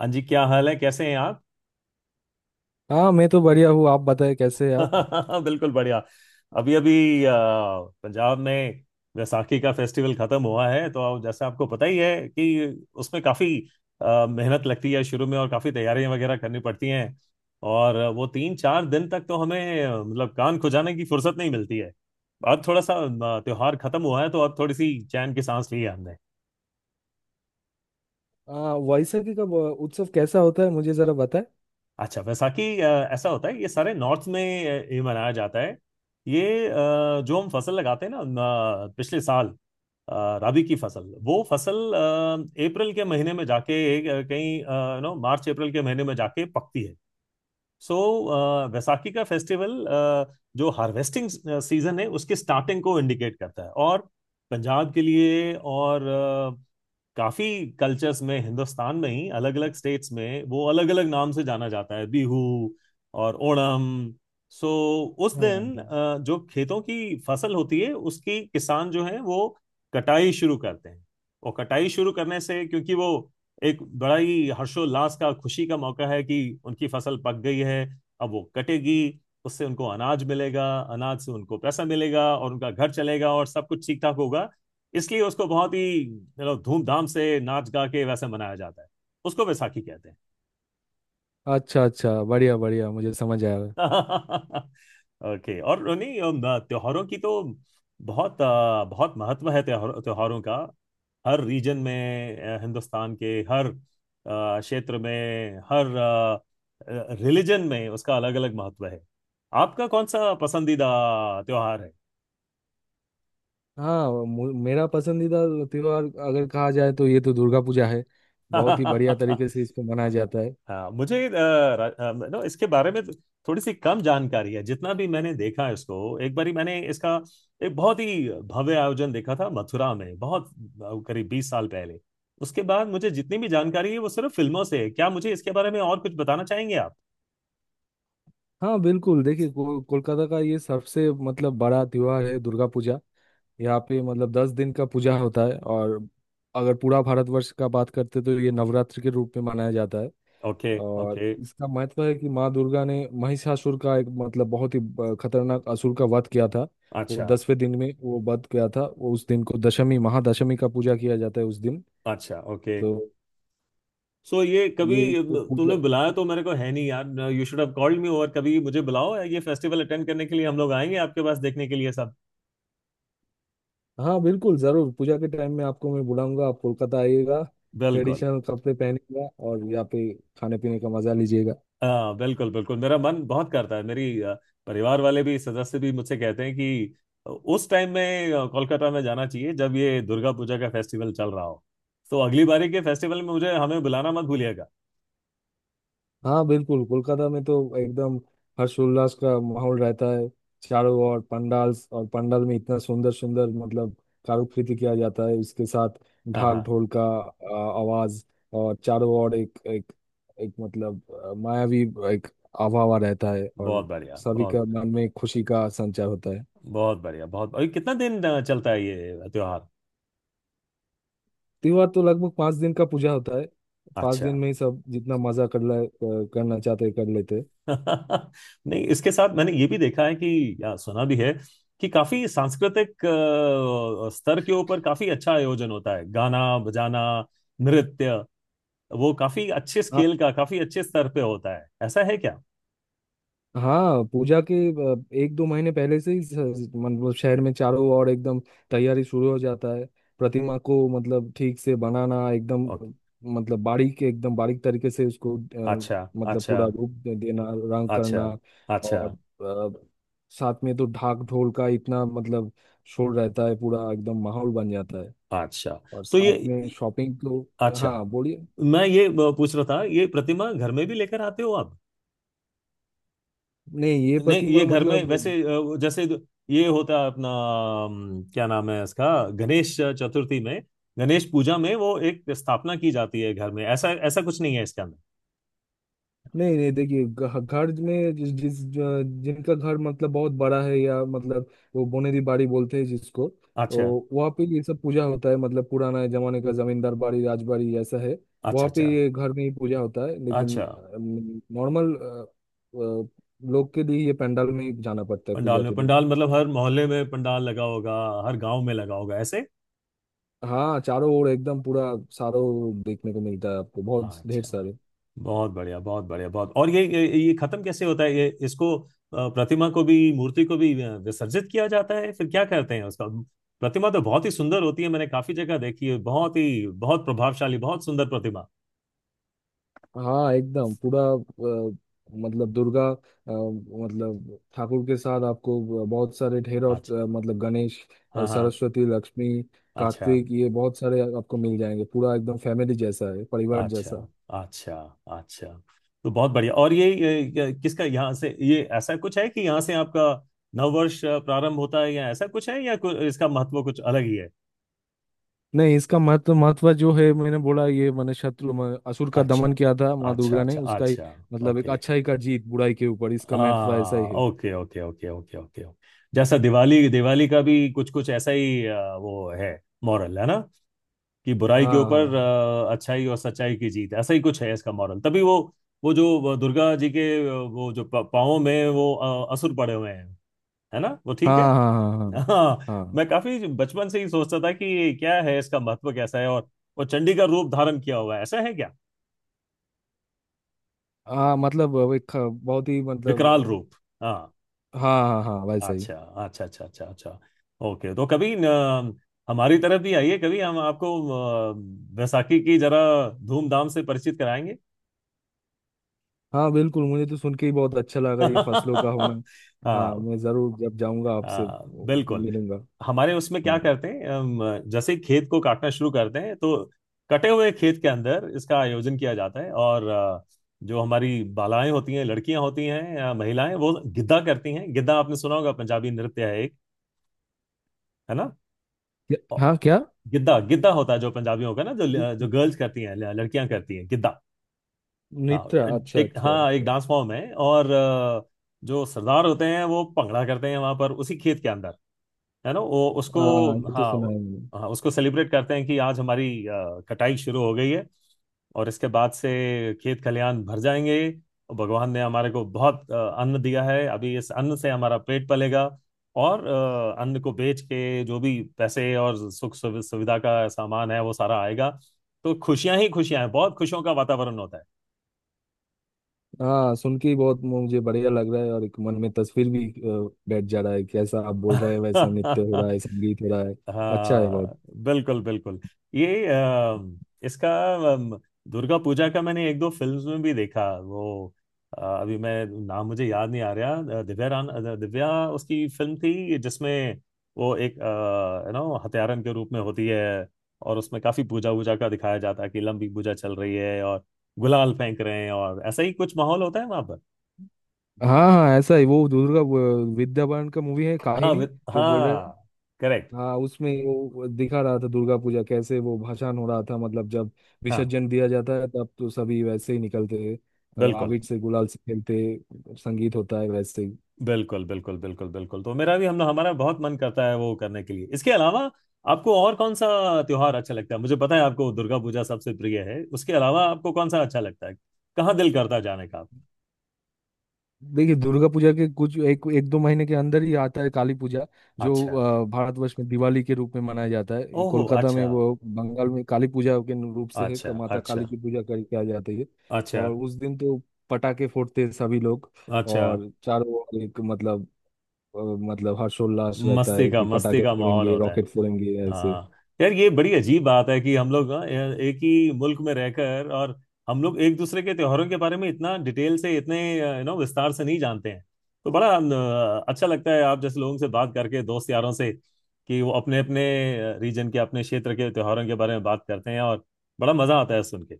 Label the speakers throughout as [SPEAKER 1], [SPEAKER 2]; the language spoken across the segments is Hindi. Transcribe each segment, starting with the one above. [SPEAKER 1] हाँ जी, क्या हाल है? कैसे हैं आप?
[SPEAKER 2] हाँ, मैं तो बढ़िया हूँ। आप बताएं, कैसे हैं आप।
[SPEAKER 1] बिल्कुल बढ़िया। अभी अभी पंजाब में वैसाखी का फेस्टिवल खत्म हुआ है, तो आप जैसे आपको पता ही है कि उसमें काफी मेहनत लगती है शुरू में, और काफी तैयारियां वगैरह करनी पड़ती हैं। और वो 3 4 दिन तक तो हमें मतलब कान खुजाने की फुर्सत नहीं मिलती है। अब थोड़ा सा त्योहार खत्म हुआ है, तो अब थोड़ी सी चैन की सांस ली है।
[SPEAKER 2] हाँ, वैसाखी का उत्सव कैसा होता है, मुझे जरा बताएं।
[SPEAKER 1] अच्छा, वैसाखी ऐसा होता है, ये सारे नॉर्थ में ये मनाया जाता है। ये जो हम फसल लगाते हैं ना न, पिछले साल अ, राबी की फसल, वो फसल अप्रैल के महीने में जाके, अ, कहीं नो मार्च अप्रैल के महीने में जाके पकती है। वैसाखी का फेस्टिवल जो हार्वेस्टिंग सीजन है उसके स्टार्टिंग को इंडिकेट करता है, और पंजाब के लिए, और काफी कल्चर्स में, हिंदुस्तान में ही अलग अलग स्टेट्स में वो अलग अलग नाम से जाना जाता है, बिहू और ओणम। सो उस
[SPEAKER 2] हाँ,
[SPEAKER 1] दिन जो खेतों की फसल होती है उसकी किसान जो है वो कटाई शुरू करते हैं। और कटाई शुरू करने से, क्योंकि वो एक बड़ा ही हर्षोल्लास का, खुशी का मौका है कि उनकी फसल पक गई है, अब वो कटेगी, उससे उनको अनाज मिलेगा, अनाज से उनको पैसा मिलेगा और उनका घर चलेगा और सब कुछ ठीक ठाक होगा। इसलिए उसको बहुत ही धूमधाम से नाच गा के वैसे मनाया जाता है। उसको वैसाखी कहते हैं।
[SPEAKER 2] अच्छा अच्छा, बढ़िया बढ़िया, मुझे समझ आया।
[SPEAKER 1] ओके। और नहीं, त्योहारों की तो बहुत बहुत महत्व है, त्योहार त्योहारों का। हर रीजन में, हिंदुस्तान के हर क्षेत्र में, हर रिलीजन में उसका अलग अलग महत्व है। आपका कौन सा पसंदीदा त्योहार
[SPEAKER 2] हाँ, मेरा पसंदीदा त्योहार अगर कहा जाए तो ये तो दुर्गा पूजा है। बहुत ही बढ़िया
[SPEAKER 1] है?
[SPEAKER 2] तरीके से इसको मनाया जाता है।
[SPEAKER 1] हाँ, मुझे नो इसके बारे में थोड़ी सी कम जानकारी है। जितना भी मैंने देखा है, इसको एक बारी मैंने इसका एक बहुत ही भव्य आयोजन देखा था मथुरा में, बहुत करीब 20 साल पहले। उसके बाद मुझे जितनी भी जानकारी है वो सिर्फ फिल्मों से है। क्या मुझे इसके बारे में और कुछ बताना चाहेंगे आप?
[SPEAKER 2] हाँ बिल्कुल, देखिए कोलकाता का ये सबसे मतलब बड़ा त्योहार है, दुर्गा पूजा। यहाँ पे मतलब दस दिन का पूजा होता है, और अगर पूरा भारतवर्ष का बात करते तो ये नवरात्र के रूप में मनाया जाता है।
[SPEAKER 1] ओके
[SPEAKER 2] और
[SPEAKER 1] ओके।
[SPEAKER 2] इसका महत्व है कि माँ दुर्गा ने महिषासुर का एक मतलब बहुत ही खतरनाक असुर का वध किया था। वो
[SPEAKER 1] अच्छा
[SPEAKER 2] दसवें दिन में वो वध किया था, वो उस दिन को दशमी महादशमी का पूजा किया जाता है उस दिन।
[SPEAKER 1] अच्छा। ओके।
[SPEAKER 2] तो
[SPEAKER 1] सो ये कभी
[SPEAKER 2] ये एक
[SPEAKER 1] तुमने
[SPEAKER 2] पूजा।
[SPEAKER 1] बुलाया तो मेरे को है नहीं, यार। You should have called me. और कभी मुझे बुलाओ, ये फेस्टिवल अटेंड करने के लिए हम लोग आएंगे आपके पास देखने के लिए सब।
[SPEAKER 2] हाँ बिल्कुल, जरूर पूजा के टाइम में आपको मैं बुलाऊंगा, आप कोलकाता आइएगा।
[SPEAKER 1] बिल्कुल।
[SPEAKER 2] ट्रेडिशनल कपड़े पहनिएगा और यहाँ पे खाने पीने का मजा लीजिएगा।
[SPEAKER 1] हाँ बिल्कुल बिल्कुल, मेरा मन बहुत करता है। मेरी परिवार वाले भी, सदस्य भी मुझसे कहते हैं कि उस टाइम में कोलकाता में जाना चाहिए, जब ये दुर्गा पूजा का फेस्टिवल चल रहा हो। तो अगली बारी के फेस्टिवल में मुझे हमें बुलाना मत भूलिएगा।
[SPEAKER 2] हाँ बिल्कुल, कोलकाता में तो एकदम हर्षोल्लास का माहौल रहता है। चारों ओर पंडाल, और पंडाल में इतना सुंदर सुंदर मतलब कारुकृति किया जाता है। उसके साथ
[SPEAKER 1] हाँ
[SPEAKER 2] ढाक
[SPEAKER 1] हाँ।
[SPEAKER 2] ढोल का आवाज, और चारों ओर एक एक एक मतलब मायावी एक आवावा रहता है, और
[SPEAKER 1] बहुत बढ़िया,
[SPEAKER 2] सभी का
[SPEAKER 1] बहुत
[SPEAKER 2] मन में खुशी का संचार होता है।
[SPEAKER 1] बहुत बढ़िया, बहुत। अरे, कितना दिन चलता है ये त्योहार?
[SPEAKER 2] त्योहार तो लगभग पाँच दिन का पूजा होता है। पाँच
[SPEAKER 1] अच्छा।
[SPEAKER 2] दिन में ही सब जितना मजा कर ले करना चाहते हैं, कर लेते हैं।
[SPEAKER 1] नहीं, इसके साथ मैंने ये भी देखा है, कि या सुना भी है, कि काफी सांस्कृतिक स्तर के ऊपर काफी अच्छा आयोजन होता है, गाना बजाना, नृत्य, वो काफी अच्छे
[SPEAKER 2] हाँ
[SPEAKER 1] स्केल का, काफी अच्छे स्तर पे होता है। ऐसा है क्या?
[SPEAKER 2] हाँ, पूजा के एक दो महीने पहले से ही मतलब शहर में चारों ओर एकदम तैयारी शुरू हो जाता है। प्रतिमा को मतलब ठीक से बनाना, एकदम
[SPEAKER 1] ओके।
[SPEAKER 2] मतलब बारीक, एकदम बारीक तरीके से उसको
[SPEAKER 1] अच्छा
[SPEAKER 2] मतलब
[SPEAKER 1] अच्छा,
[SPEAKER 2] पूरा रूप देना, रंग
[SPEAKER 1] अच्छा
[SPEAKER 2] करना।
[SPEAKER 1] अच्छा
[SPEAKER 2] और अ, साथ में तो ढाक ढोल का इतना मतलब शोर रहता है, पूरा एकदम माहौल बन जाता है।
[SPEAKER 1] अच्छा।
[SPEAKER 2] और
[SPEAKER 1] तो ये,
[SPEAKER 2] साथ में शॉपिंग तो।
[SPEAKER 1] अच्छा,
[SPEAKER 2] हाँ बोलिए।
[SPEAKER 1] मैं ये पूछ रहा था, ये प्रतिमा घर में भी लेकर आते हो आप?
[SPEAKER 2] नहीं ये
[SPEAKER 1] नहीं,
[SPEAKER 2] प्रतिमा
[SPEAKER 1] ये घर में
[SPEAKER 2] मतलब।
[SPEAKER 1] वैसे जैसे, ये होता है अपना, क्या नाम है इसका, गणेश चतुर्थी में, गणेश पूजा में, वो एक स्थापना की जाती है घर में, ऐसा ऐसा कुछ नहीं है इसके अंदर।
[SPEAKER 2] नहीं नहीं, देखिए घर में जिस जिस जिनका घर मतलब बहुत बड़ा है, या मतलब वो बोनेरी बाड़ी बोलते हैं जिसको,
[SPEAKER 1] अच्छा
[SPEAKER 2] तो वहाँ पे ये सब पूजा होता है। मतलब पुराना जमाने का जमींदार बाड़ी राजबाड़ी ऐसा है,
[SPEAKER 1] अच्छा
[SPEAKER 2] वहाँ पे
[SPEAKER 1] अच्छा
[SPEAKER 2] ये घर में ही पूजा होता है। लेकिन
[SPEAKER 1] अच्छा।
[SPEAKER 2] नॉर्मल लोग के लिए ये पंडाल में ही जाना पड़ता है
[SPEAKER 1] पंडाल
[SPEAKER 2] पूजा
[SPEAKER 1] में?
[SPEAKER 2] के लिए।
[SPEAKER 1] पंडाल मतलब हर मोहल्ले में पंडाल लगा होगा, हर गांव में लगा होगा ऐसे?
[SPEAKER 2] हाँ, चारों ओर एकदम पूरा सारों देखने को मिलता है आपको, बहुत ढेर
[SPEAKER 1] अच्छा,
[SPEAKER 2] सारे।
[SPEAKER 1] बहुत बढ़िया, बहुत बढ़िया, बहुत। और ये खत्म कैसे होता है? ये इसको प्रतिमा को भी, मूर्ति को भी विसर्जित किया जाता है, फिर क्या करते हैं उसका? प्रतिमा तो बहुत ही सुंदर होती है, मैंने काफी जगह देखी है, बहुत ही, बहुत प्रभावशाली, बहुत सुंदर प्रतिमा।
[SPEAKER 2] हाँ एकदम पूरा अ, मतलब दुर्गा मतलब ठाकुर के साथ आपको बहुत सारे ढेर, और
[SPEAKER 1] अच्छा।
[SPEAKER 2] मतलब गणेश,
[SPEAKER 1] हाँ हाँ।
[SPEAKER 2] सरस्वती, लक्ष्मी,
[SPEAKER 1] अच्छा
[SPEAKER 2] कार्तिक, ये बहुत सारे आपको मिल जाएंगे। पूरा एकदम फैमिली जैसा है, परिवार
[SPEAKER 1] अच्छा
[SPEAKER 2] जैसा।
[SPEAKER 1] अच्छा अच्छा। तो बहुत बढ़िया। और ये किसका, यहाँ से, ये ऐसा कुछ है कि यहाँ से आपका नववर्ष प्रारंभ होता है, या ऐसा कुछ है, या कुछ, इसका महत्व कुछ अलग ही है?
[SPEAKER 2] नहीं इसका महत्व, महत्व जो है, मैंने बोला ये मैंने शत्रु असुर का
[SPEAKER 1] अच्छा
[SPEAKER 2] दमन किया था माँ
[SPEAKER 1] अच्छा
[SPEAKER 2] दुर्गा ने
[SPEAKER 1] अच्छा
[SPEAKER 2] उसका ही,
[SPEAKER 1] अच्छा।
[SPEAKER 2] मतलब एक
[SPEAKER 1] ओके।
[SPEAKER 2] अच्छाई का जीत बुराई के ऊपर, इसका महत्व ऐसा ही
[SPEAKER 1] हाँ
[SPEAKER 2] है।
[SPEAKER 1] Okay okay okay okay okay okay. जैसा दिवाली, दिवाली का भी कुछ कुछ ऐसा ही वो है मॉरल, है ना, कि बुराई के
[SPEAKER 2] हाँ
[SPEAKER 1] ऊपर
[SPEAKER 2] हाँ
[SPEAKER 1] अच्छाई और सच्चाई की जीत, ऐसा ही कुछ है इसका मॉरल, तभी वो जो दुर्गा जी के वो जो पाँवों में वो असुर पड़े हुए हैं, है ना, वो
[SPEAKER 2] हाँ
[SPEAKER 1] ठीक है।
[SPEAKER 2] हाँ। हाँ
[SPEAKER 1] हाँ,
[SPEAKER 2] हाँ हाँ
[SPEAKER 1] मैं काफी बचपन से ही सोचता था कि क्या है इसका महत्व, कैसा है। और वो चंडी का रूप धारण किया हुआ है, ऐसा है क्या?
[SPEAKER 2] हाँ, हाँ मतलब वो एक बहुत ही
[SPEAKER 1] विकराल
[SPEAKER 2] मतलब।
[SPEAKER 1] रूप? हाँ।
[SPEAKER 2] हाँ हाँ हाँ, वैसा ही।
[SPEAKER 1] अच्छा, अच्छा अच्छा अच्छा अच्छा। ओके। तो कभी हमारी तरफ भी आइए, कभी हम आपको अ, बैसाखी की जरा धूमधाम से परिचित कराएंगे।
[SPEAKER 2] हाँ बिल्कुल, मुझे तो सुन के ही बहुत अच्छा लगा, ये फसलों का होना। हाँ,
[SPEAKER 1] हाँ
[SPEAKER 2] मैं जरूर जब जाऊंगा आपसे
[SPEAKER 1] हाँ, बिल्कुल।
[SPEAKER 2] मिलूंगा।
[SPEAKER 1] हमारे उसमें क्या
[SPEAKER 2] हम्म।
[SPEAKER 1] करते हैं हम? जैसे ही खेत को काटना शुरू करते हैं, तो कटे हुए खेत के अंदर इसका आयोजन किया जाता है, और जो हमारी बालाएं होती हैं, लड़कियां होती हैं या महिलाएं, वो गिद्दा करती हैं। गिद्दा आपने सुना होगा, पंजाबी नृत्य है एक, है ना?
[SPEAKER 2] हाँ
[SPEAKER 1] औ-
[SPEAKER 2] क्या।
[SPEAKER 1] गिद्दा, गिद्दा होता है जो पंजाबियों का, ना, जो
[SPEAKER 2] इ-
[SPEAKER 1] जो गर्ल्स करती हैं, लड़कियां करती हैं, गिद्दा। हाँ,
[SPEAKER 2] नित्रा, अच्छा
[SPEAKER 1] एक,
[SPEAKER 2] अच्छा
[SPEAKER 1] हाँ, एक
[SPEAKER 2] अच्छा।
[SPEAKER 1] डांस फॉर्म है। और जो सरदार होते हैं वो भंगड़ा करते हैं वहां पर उसी खेत के अंदर, है ना, वो उसको,
[SPEAKER 2] हाँ ये तो
[SPEAKER 1] हाँ
[SPEAKER 2] सुना है मैंने।
[SPEAKER 1] हाँ, उसको सेलिब्रेट करते हैं कि आज हमारी कटाई शुरू हो गई है, और इसके बाद से खेत खलियान भर जाएंगे, और भगवान ने हमारे को बहुत अन्न दिया है, अभी इस अन्न से हमारा पेट पलेगा। और अन्न को बेच के जो भी पैसे और सुख सुविधा का सामान है, वो सारा आएगा, तो खुशियां ही खुशियां हैं, बहुत खुशियों का वातावरण होता
[SPEAKER 2] हाँ सुन के ही बहुत मुझे बढ़िया लग रहा है, और एक मन में तस्वीर भी बैठ जा रहा है, कैसा आप बोल
[SPEAKER 1] है।
[SPEAKER 2] रहे हैं वैसा नृत्य हो रहा है, संगीत हो रहा है। अच्छा है बहुत।
[SPEAKER 1] हाँ बिल्कुल बिल्कुल। ये इसका, अम, दुर्गा पूजा का, मैंने एक दो फिल्म्स में भी देखा वो, अभी मैं नाम, मुझे याद नहीं आ रहा, दिव्या रान, दिव्या, उसकी फिल्म थी जिसमें वो एक हत्यारन के रूप में होती है, और उसमें काफी पूजा वूजा का दिखाया जाता है कि लंबी पूजा चल रही है और गुलाल फेंक रहे हैं, और ऐसा ही कुछ माहौल होता है वहां पर।
[SPEAKER 2] हाँ हाँ ऐसा ही, वो दुर्गा वो विद्या बालन का मूवी है,
[SPEAKER 1] हाँ,
[SPEAKER 2] काहिनी। जो बोल रहे,
[SPEAKER 1] हाँ, करेक्ट।
[SPEAKER 2] हाँ, उसमें वो दिखा रहा था दुर्गा पूजा कैसे, वो भाषण हो रहा था। मतलब जब
[SPEAKER 1] हाँ
[SPEAKER 2] विसर्जन दिया जाता है तब तो सभी वैसे ही निकलते हैं,
[SPEAKER 1] बिल्कुल
[SPEAKER 2] अबीर से गुलाल से खेलते, संगीत होता है, वैसे ही।
[SPEAKER 1] बिल्कुल बिल्कुल बिल्कुल बिल्कुल। तो मेरा भी, हम हमारा बहुत मन करता है वो करने के लिए। इसके अलावा आपको और कौन सा त्योहार अच्छा लगता है? मुझे पता है आपको दुर्गा पूजा सबसे प्रिय है, उसके अलावा आपको कौन सा अच्छा लगता है? कहाँ दिल करता है जाने का आपका?
[SPEAKER 2] देखिए दुर्गा पूजा के कुछ एक एक दो महीने के अंदर ही आता है काली पूजा, जो
[SPEAKER 1] अच्छा।
[SPEAKER 2] भारतवर्ष में दिवाली के रूप में मनाया जाता है। ये
[SPEAKER 1] ओहो,
[SPEAKER 2] कोलकाता में
[SPEAKER 1] अच्छा
[SPEAKER 2] वो बंगाल में काली पूजा के रूप से है,
[SPEAKER 1] अच्छा
[SPEAKER 2] माता
[SPEAKER 1] अच्छा
[SPEAKER 2] काली की पूजा कर किया जाती है।
[SPEAKER 1] अच्छा
[SPEAKER 2] और उस दिन तो पटाखे फोड़ते हैं सभी लोग,
[SPEAKER 1] अच्छा।
[SPEAKER 2] और चारों ओर एक मतलब अ, मतलब हर्षोल्लास रहता
[SPEAKER 1] मस्ती
[SPEAKER 2] है
[SPEAKER 1] का,
[SPEAKER 2] कि
[SPEAKER 1] मस्ती
[SPEAKER 2] पटाखे
[SPEAKER 1] का माहौल
[SPEAKER 2] फोड़ेंगे
[SPEAKER 1] होता है।
[SPEAKER 2] रॉकेट फोड़ेंगे ऐसे।
[SPEAKER 1] हाँ। यार, ये बड़ी अजीब बात है कि हम लोग, हाँ, यार, एक ही मुल्क में रहकर, और हम लोग एक दूसरे के त्योहारों के बारे में इतना डिटेल से, इतने विस्तार से नहीं जानते हैं। तो बड़ा अच्छा लगता है आप जैसे लोगों से बात करके, दोस्त यारों से, कि वो अपने अपने रीजन के, अपने क्षेत्र के त्योहारों के बारे में बात करते हैं, और बड़ा मजा आता है सुन के।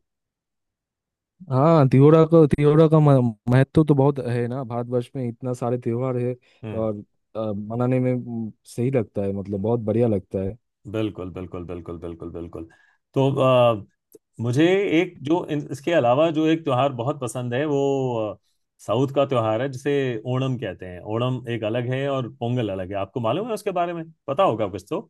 [SPEAKER 2] हाँ त्योहार का, त्योहार का महत्व तो बहुत है ना, भारतवर्ष में इतना सारे त्योहार है।
[SPEAKER 1] हम्म।
[SPEAKER 2] और मनाने में सही लगता है, मतलब बहुत बढ़िया लगता है।
[SPEAKER 1] बिल्कुल बिल्कुल बिल्कुल बिल्कुल बिल्कुल। तो मुझे एक जो, इसके अलावा जो एक त्योहार बहुत पसंद है, वो अ, साउथ का त्योहार है जिसे ओणम कहते हैं। ओणम एक अलग है और पोंगल अलग है। आपको मालूम है, उसके बारे में पता होगा कुछ तो?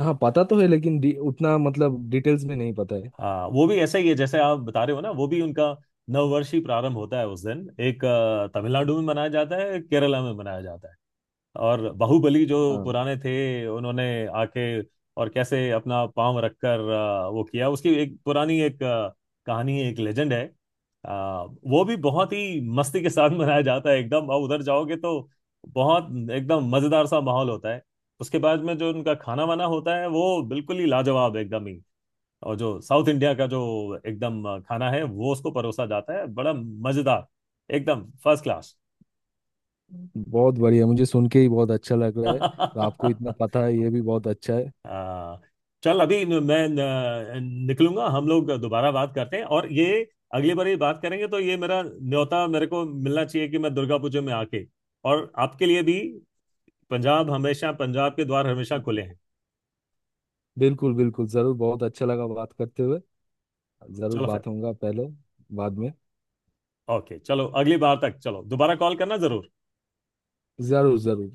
[SPEAKER 2] हाँ पता तो है, लेकिन उतना मतलब डिटेल्स में नहीं पता है।
[SPEAKER 1] हाँ, वो भी ऐसा ही है जैसे आप बता रहे हो, ना, वो भी उनका नववर्षीय प्रारंभ होता है उस दिन। एक तमिलनाडु में मनाया जाता है, एक केरला में मनाया जाता है। और बाहुबली जो
[SPEAKER 2] हाँ
[SPEAKER 1] पुराने थे, उन्होंने आके और कैसे अपना पांव रखकर वो किया, उसकी एक पुरानी एक कहानी है, एक लेजेंड है। अ, वो भी बहुत ही मस्ती के साथ मनाया जाता है एकदम, और उधर जाओगे तो बहुत एकदम मजेदार सा माहौल होता है। उसके बाद में जो उनका खाना वाना होता है वो बिल्कुल ही लाजवाब एकदम ही। और जो साउथ इंडिया का जो एकदम खाना है, वो उसको परोसा जाता है, बड़ा मजेदार, एकदम फर्स्ट क्लास।
[SPEAKER 2] बहुत बढ़िया, मुझे सुन के ही बहुत अच्छा लग रहा है, और आपको इतना पता है, ये भी बहुत अच्छा है।
[SPEAKER 1] हाँ, चल अभी मैं निकलूंगा, हम लोग दोबारा बात करते हैं। और ये अगली बार ये बात करेंगे तो ये मेरा न्योता मेरे को मिलना चाहिए कि मैं दुर्गा पूजा में आके, और आपके लिए भी पंजाब, हमेशा पंजाब के द्वार हमेशा खुले हैं।
[SPEAKER 2] बिल्कुल बिल्कुल जरूर, बहुत अच्छा लगा बात करते हुए। जरूर
[SPEAKER 1] चलो फिर।
[SPEAKER 2] बात होगा, पहले बाद में।
[SPEAKER 1] ओके, चलो अगली बार तक, चलो दोबारा कॉल करना जरूर।
[SPEAKER 2] जरूर जरूर।